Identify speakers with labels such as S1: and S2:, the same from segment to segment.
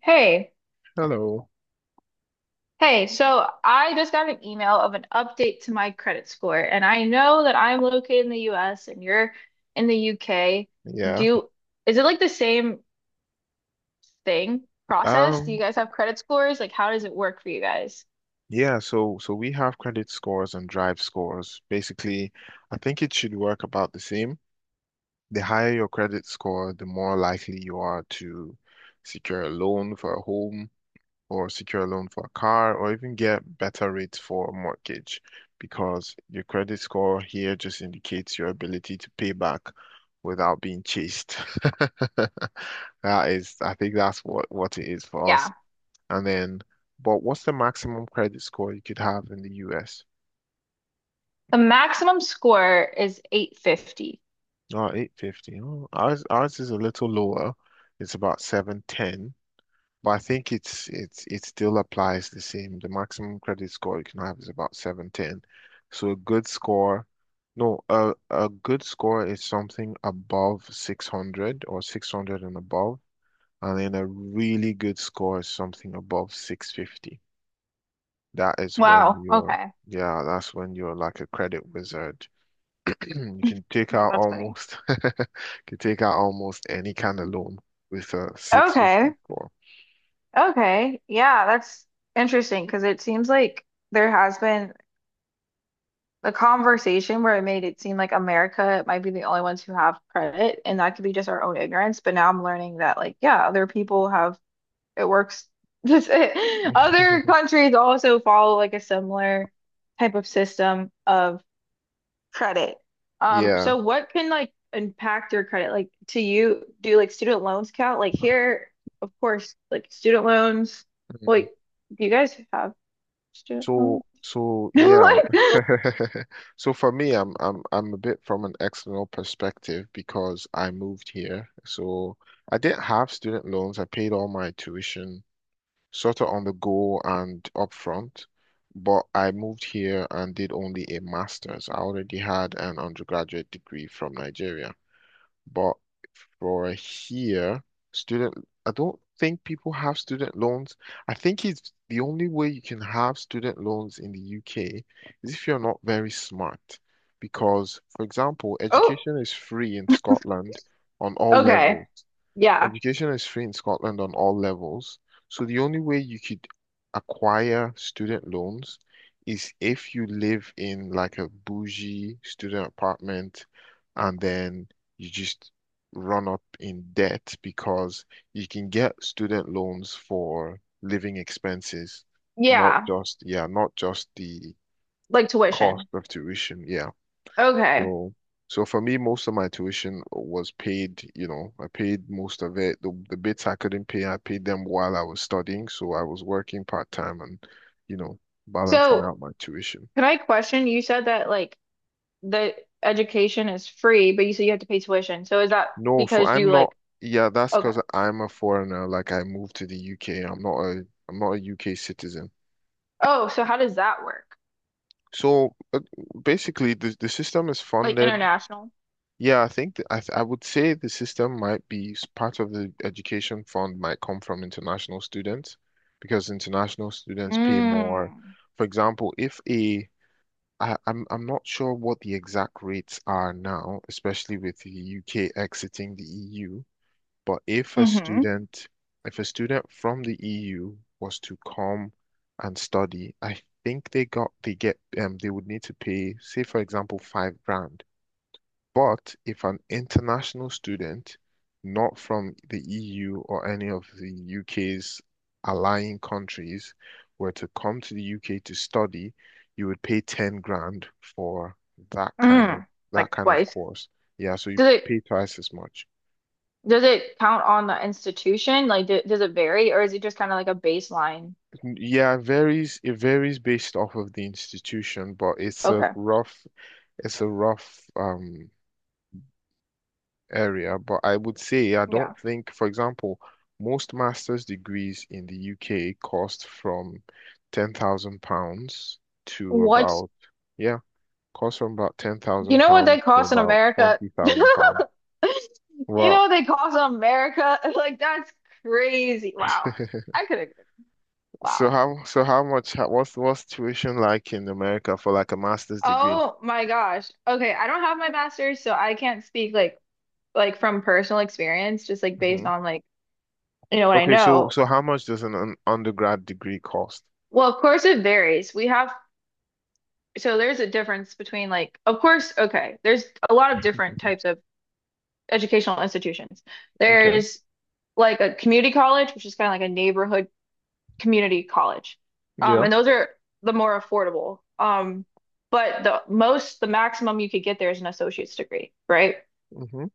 S1: Hey,
S2: Hello.
S1: hey, so I just got an email of an update to my credit score, and I know that I'm located in the US and you're in the UK.
S2: Yeah.
S1: Do, is it like the same thing process? Do you
S2: Um,
S1: guys have credit scores? Like, how does it work for you guys?
S2: yeah, so we have credit scores and drive scores. Basically, I think it should work about the same. The higher your credit score, the more likely you are to secure a loan for a home or secure a loan for a car or even get better rates for a mortgage because your credit score here just indicates your ability to pay back without being chased. That is, I think that's what it is for us.
S1: Yeah.
S2: And then, but what's the maximum credit score you could have in the US?
S1: The maximum score is 850.
S2: Oh, 850. Oh, ours is a little lower. It's about 710, but I think it's it still applies the same. The maximum credit score you can have is about 710. So a good score, no, a good score is something above 600 or 600 and above, and then a really good score is something above 650. That is when
S1: Wow.
S2: you're,
S1: Okay.
S2: Yeah, that's when you're like a credit wizard. You can take out
S1: That's funny.
S2: almost, you can take out almost any kind of loan with a
S1: Okay.
S2: 650 score.
S1: Okay. Yeah, that's interesting because it seems like there has been the conversation where it made it seem like America might be the only ones who have credit, and that could be just our own ignorance. But now I'm learning that, like, yeah, other people have it works. Other countries also follow like a similar type of system of credit.
S2: Yeah.
S1: So what can like impact your credit? Like, to you, do like student loans count? Like here, of course, like student loans.
S2: Mm.
S1: Like, do you guys have student
S2: So,
S1: loans?
S2: so yeah.
S1: Like,
S2: So for me, I'm a bit from an external perspective because I moved here. So I didn't have student loans. I paid all my tuition sort of on the go and upfront, but I moved here and did only a master's. I already had an undergraduate degree from Nigeria, but for here, student, I don't think people have student loans. I think it's the only way you can have student loans in the UK is if you're not very smart. Because, for example,
S1: oh,
S2: education is free in Scotland on all
S1: okay.
S2: levels.
S1: Yeah.
S2: Education is free in Scotland on all levels. So the only way you could acquire student loans is if you live in like a bougie student apartment and then you just run up in debt because you can get student loans for living expenses, not
S1: Yeah,
S2: just, yeah, not just the
S1: like
S2: cost
S1: tuition.
S2: of tuition. Yeah.
S1: Okay.
S2: So, So for me, most of my tuition was paid, I paid most of it. The bits I couldn't pay, I paid them while I was studying. So I was working part-time and, you know, balancing
S1: So,
S2: out my tuition.
S1: can I question? You said that like the education is free, but you said you have to pay tuition. So, is that
S2: No, so
S1: because you
S2: I'm not,
S1: like,
S2: yeah, that's
S1: okay.
S2: because I'm a foreigner. Like I moved to the UK. I'm not a UK citizen.
S1: Oh, so how does that work?
S2: So basically the system is
S1: Like
S2: funded.
S1: international?
S2: Yeah, I think I would say the system might be part of the education fund might come from international students because international students pay more.
S1: Mm.
S2: For example, if a I, I'm not sure what the exact rates are now, especially with the UK exiting the EU, but if a
S1: Mm-hmm.
S2: student if a student from the EU was to come and study, I think they get they would need to pay, say for example, 5 grand, but if an international student, not from the EU or any of the UK's allying countries, were to come to the UK to study, you would pay 10 grand for that kind of
S1: Mm.
S2: that
S1: Like
S2: kind of
S1: twice.
S2: course. Yeah, so you
S1: Does it
S2: pay twice as much.
S1: does it count on the institution? Like, d does it vary or is it just kind of like a baseline?
S2: Yeah, it varies. It varies based off of the institution, but it's a
S1: Okay.
S2: rough, it's a rough area, but I would say I
S1: Yeah.
S2: don't think, for example, most master's degrees in the UK cost from 10,000 pounds to
S1: What
S2: about, yeah, cost from about
S1: You
S2: 10,000
S1: know what
S2: pounds
S1: they
S2: to
S1: cost in
S2: about
S1: America?
S2: 20,000 pounds.
S1: You know
S2: Wow.
S1: what they cost in America? Like that's crazy. Wow. I could have. Wow.
S2: So how much how- what's tuition like in America for like a master's degree?
S1: Oh my gosh. Okay, I don't have my master's, so I can't speak like from personal experience, just like based
S2: hmm
S1: on like you know what I
S2: Okay, so
S1: know.
S2: so how much does an undergrad degree cost?
S1: Well, of course it varies. We have so there's a difference between like of course, okay, there's a lot of different types of educational institutions.
S2: Okay.
S1: There's like a community college, which is kind of like a neighborhood community college.
S2: Yeah.
S1: And those are the more affordable. But the maximum you could get there is an associate's degree, right?
S2: Hmm.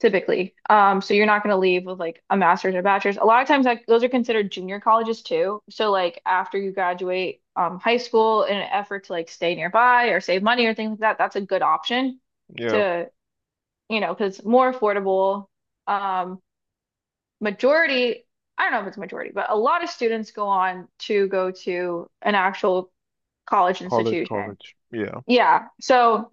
S1: Typically. So you're not going to leave with like a master's or a bachelor's. A lot of times, like those are considered junior colleges too. So like after you graduate high school, in an effort to like stay nearby or save money or things like that, that's a good option
S2: Yeah.
S1: to, you know, because more affordable. Um, Majority, I don't know if it's majority, but a lot of students go on to go to an actual college
S2: College,
S1: institution.
S2: college. Yeah.
S1: Yeah. So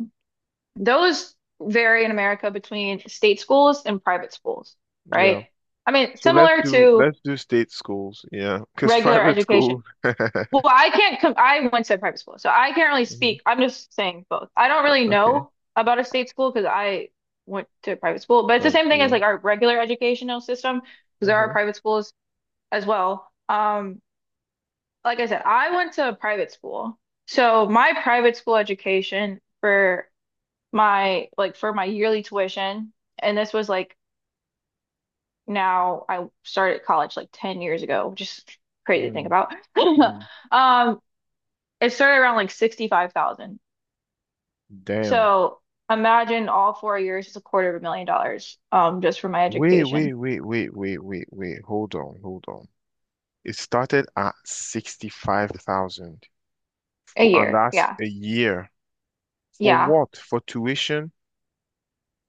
S1: those vary in America between state schools and private schools, right?
S2: Yeah.
S1: I mean,
S2: So let's
S1: similar
S2: do
S1: to
S2: let's do state schools, yeah, because
S1: regular
S2: private schools.
S1: education. Well, I can't com I went to a private school, so I can't really
S2: Mhm.
S1: speak. I'm just saying both. I don't really
S2: Okay,
S1: know about a state school because I went to a private school, but it's the same thing as
S2: Yeah.
S1: like our regular educational system because there are
S2: Hmm.
S1: private schools as well. Like I said, I went to a private school. So my private school education for my like for my yearly tuition, and this was like now I started college like 10 years ago, which is crazy to think
S2: Mm.
S1: about.
S2: Mm.
S1: Um, it started around like 65,000.
S2: Damn.
S1: So imagine all 4 years is a quarter of $1 million just for my
S2: Wait,
S1: education
S2: wait, wait, wait, wait, wait, wait. Hold on, hold on. It started at 65,000,
S1: a
S2: and
S1: year.
S2: that's
S1: Yeah.
S2: a year. For
S1: Yeah.
S2: what? For tuition?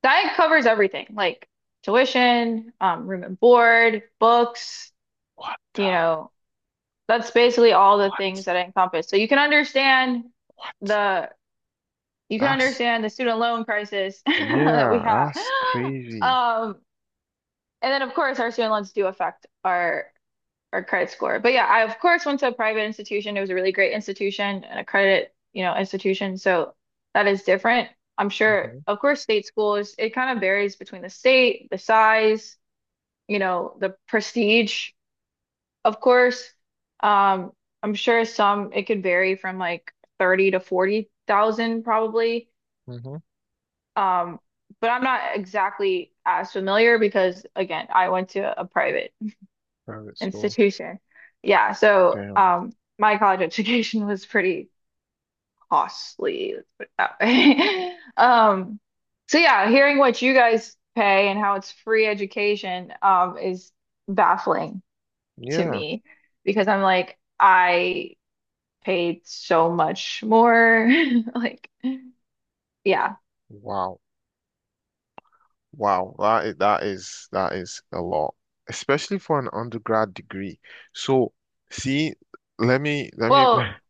S1: That covers everything like tuition, room and board, books
S2: What the,
S1: you know. That's basically all the things
S2: what,
S1: that I encompass. So you can understand
S2: what?
S1: the you can
S2: That's,
S1: understand the student loan crisis that we
S2: yeah,
S1: have.
S2: that's crazy.
S1: Um, and then of course our student loans do affect our credit score. But yeah, I of course went to a private institution. It was a really great institution and a credit, you know, institution. So that is different. I'm sure,
S2: hmm
S1: of course, state schools, it kind of varies between the state, the size, you know, the prestige of course, um, I'm sure some it could vary from like 30 to 40,000 probably.
S2: hmm
S1: Um, but I'm not exactly as familiar because again, I went to a private
S2: Private school.
S1: institution. Yeah, so
S2: Damn.
S1: my college education was pretty costly, let's put it that way. Um, so yeah, hearing what you guys pay and how it's free education is baffling to
S2: Yeah.
S1: me because I'm like I paid so much more. Like, yeah.
S2: Wow. Wow, that is a lot, especially for an undergrad degree. So, see, let me.
S1: Well,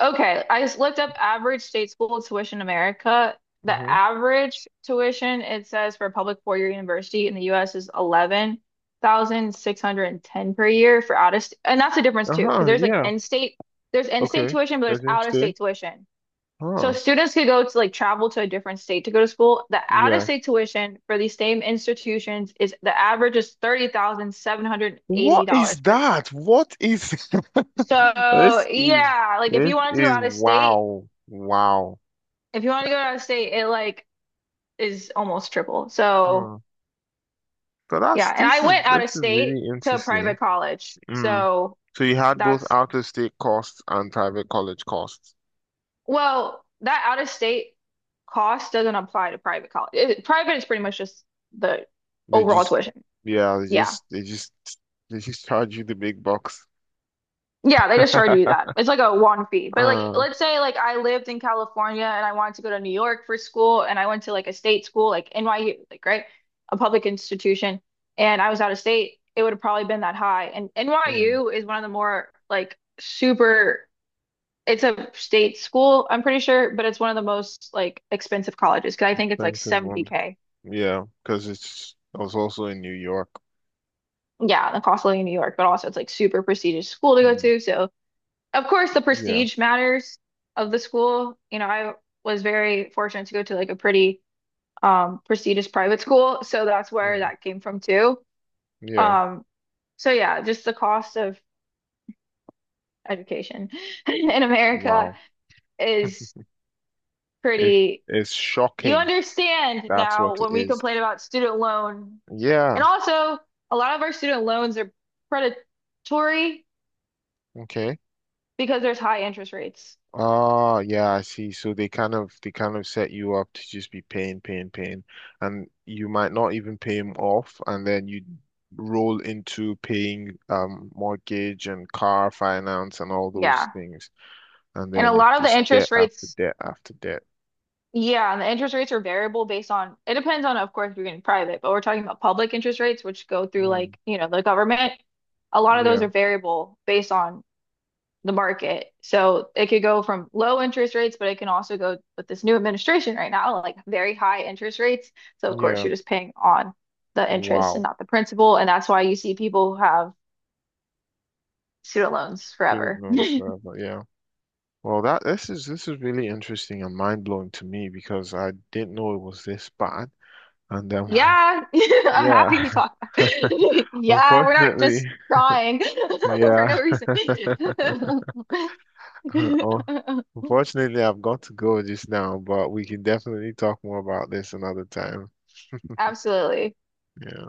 S1: okay. I just looked up average state school tuition in America. The
S2: hmm
S1: average tuition, it says for a public four-year university in the US is 11,610 per year for out of st and that's the difference too, because
S2: Uh-huh.
S1: there's like
S2: Yeah.
S1: in-state, there's in-state
S2: Okay.
S1: tuition, but there's
S2: Doesn't stay.
S1: out-of-state tuition. So
S2: Huh.
S1: students could go to like travel to a different state to go to school. The
S2: Yes.
S1: out-of-state tuition for these same institutions is the average is
S2: What is
S1: $30,780 per year.
S2: that? What is
S1: So
S2: this? Is
S1: yeah, like if
S2: this
S1: you wanted to go
S2: is
S1: out of state,
S2: wow, wow.
S1: if you wanted to go out of state, it like is almost triple. So
S2: Hmm. So that's
S1: yeah, and
S2: this
S1: I
S2: is
S1: went out
S2: this
S1: of
S2: is
S1: state
S2: really
S1: to a
S2: interesting.
S1: private college.
S2: Mm.
S1: So
S2: So you had both
S1: that's
S2: out-of-state costs and private college costs.
S1: well, that out of state cost doesn't apply to private college. Private is pretty much just the
S2: They
S1: overall
S2: just,
S1: tuition.
S2: yeah,
S1: Yeah.
S2: they just charge you the big bucks.
S1: Yeah, they just charge you that. It's like a one fee. But like
S2: Uh,
S1: let's say like I lived in California and I wanted to go to New York for school and I went to like a state school like NYU like right? A public institution and I was out of state, it would have probably been that high. And
S2: mm,
S1: NYU is one of the more like super it's a state school, I'm pretty sure, but it's one of the most like expensive colleges because I think it's like
S2: expensive ones.
S1: 70K.
S2: Yeah, because I was also in New York.
S1: Yeah, the cost of living in New York, but also it's like super prestigious school to go
S2: Mm.
S1: to. So of course, the
S2: Yeah,
S1: prestige matters of the school. You know, I was very fortunate to go to like a pretty prestigious private school, so that's where
S2: mm,
S1: that came from too.
S2: yeah.
S1: Um, so yeah, just the cost of education in America
S2: Wow.
S1: is
S2: It's,
S1: pretty.
S2: it's
S1: You
S2: shocking.
S1: understand
S2: That's
S1: now
S2: what it
S1: when we
S2: is.
S1: complain about student loan, and
S2: Yeah.
S1: also a lot of our student loans are predatory
S2: Okay.
S1: because there's high interest rates.
S2: Ah, yeah, I see. So they kind of set you up to just be paying, paying, paying, and you might not even pay him off, and then you roll into paying mortgage and car finance and all those
S1: Yeah,
S2: things, and
S1: and a
S2: then it's
S1: lot of the
S2: just debt
S1: interest
S2: after
S1: rates
S2: debt after debt.
S1: Yeah, and the interest rates are variable based on, it depends on, of course, if you're getting private, but we're talking about public interest rates, which go through
S2: Mm.
S1: like, you know, the government. A lot of those
S2: Yeah,
S1: are variable based on the market. So it could go from low interest rates, but it can also go with this new administration right now, like very high interest rates. So of course,
S2: yeah.
S1: you're just paying on the interest and
S2: Wow.
S1: not the principal. And that's why you see people who have student loans
S2: Student
S1: forever.
S2: loans forever. Yeah. Well, that this is really interesting and mind-blowing to me because I didn't know it was this bad, and
S1: Yeah, I'm happy
S2: yeah.
S1: we talked. Yeah, we're not
S2: Unfortunately,
S1: just crying for no
S2: yeah.
S1: reason.
S2: Oh, unfortunately, I've got to go just now, but we can definitely talk more about this another time.
S1: Absolutely.
S2: Yeah.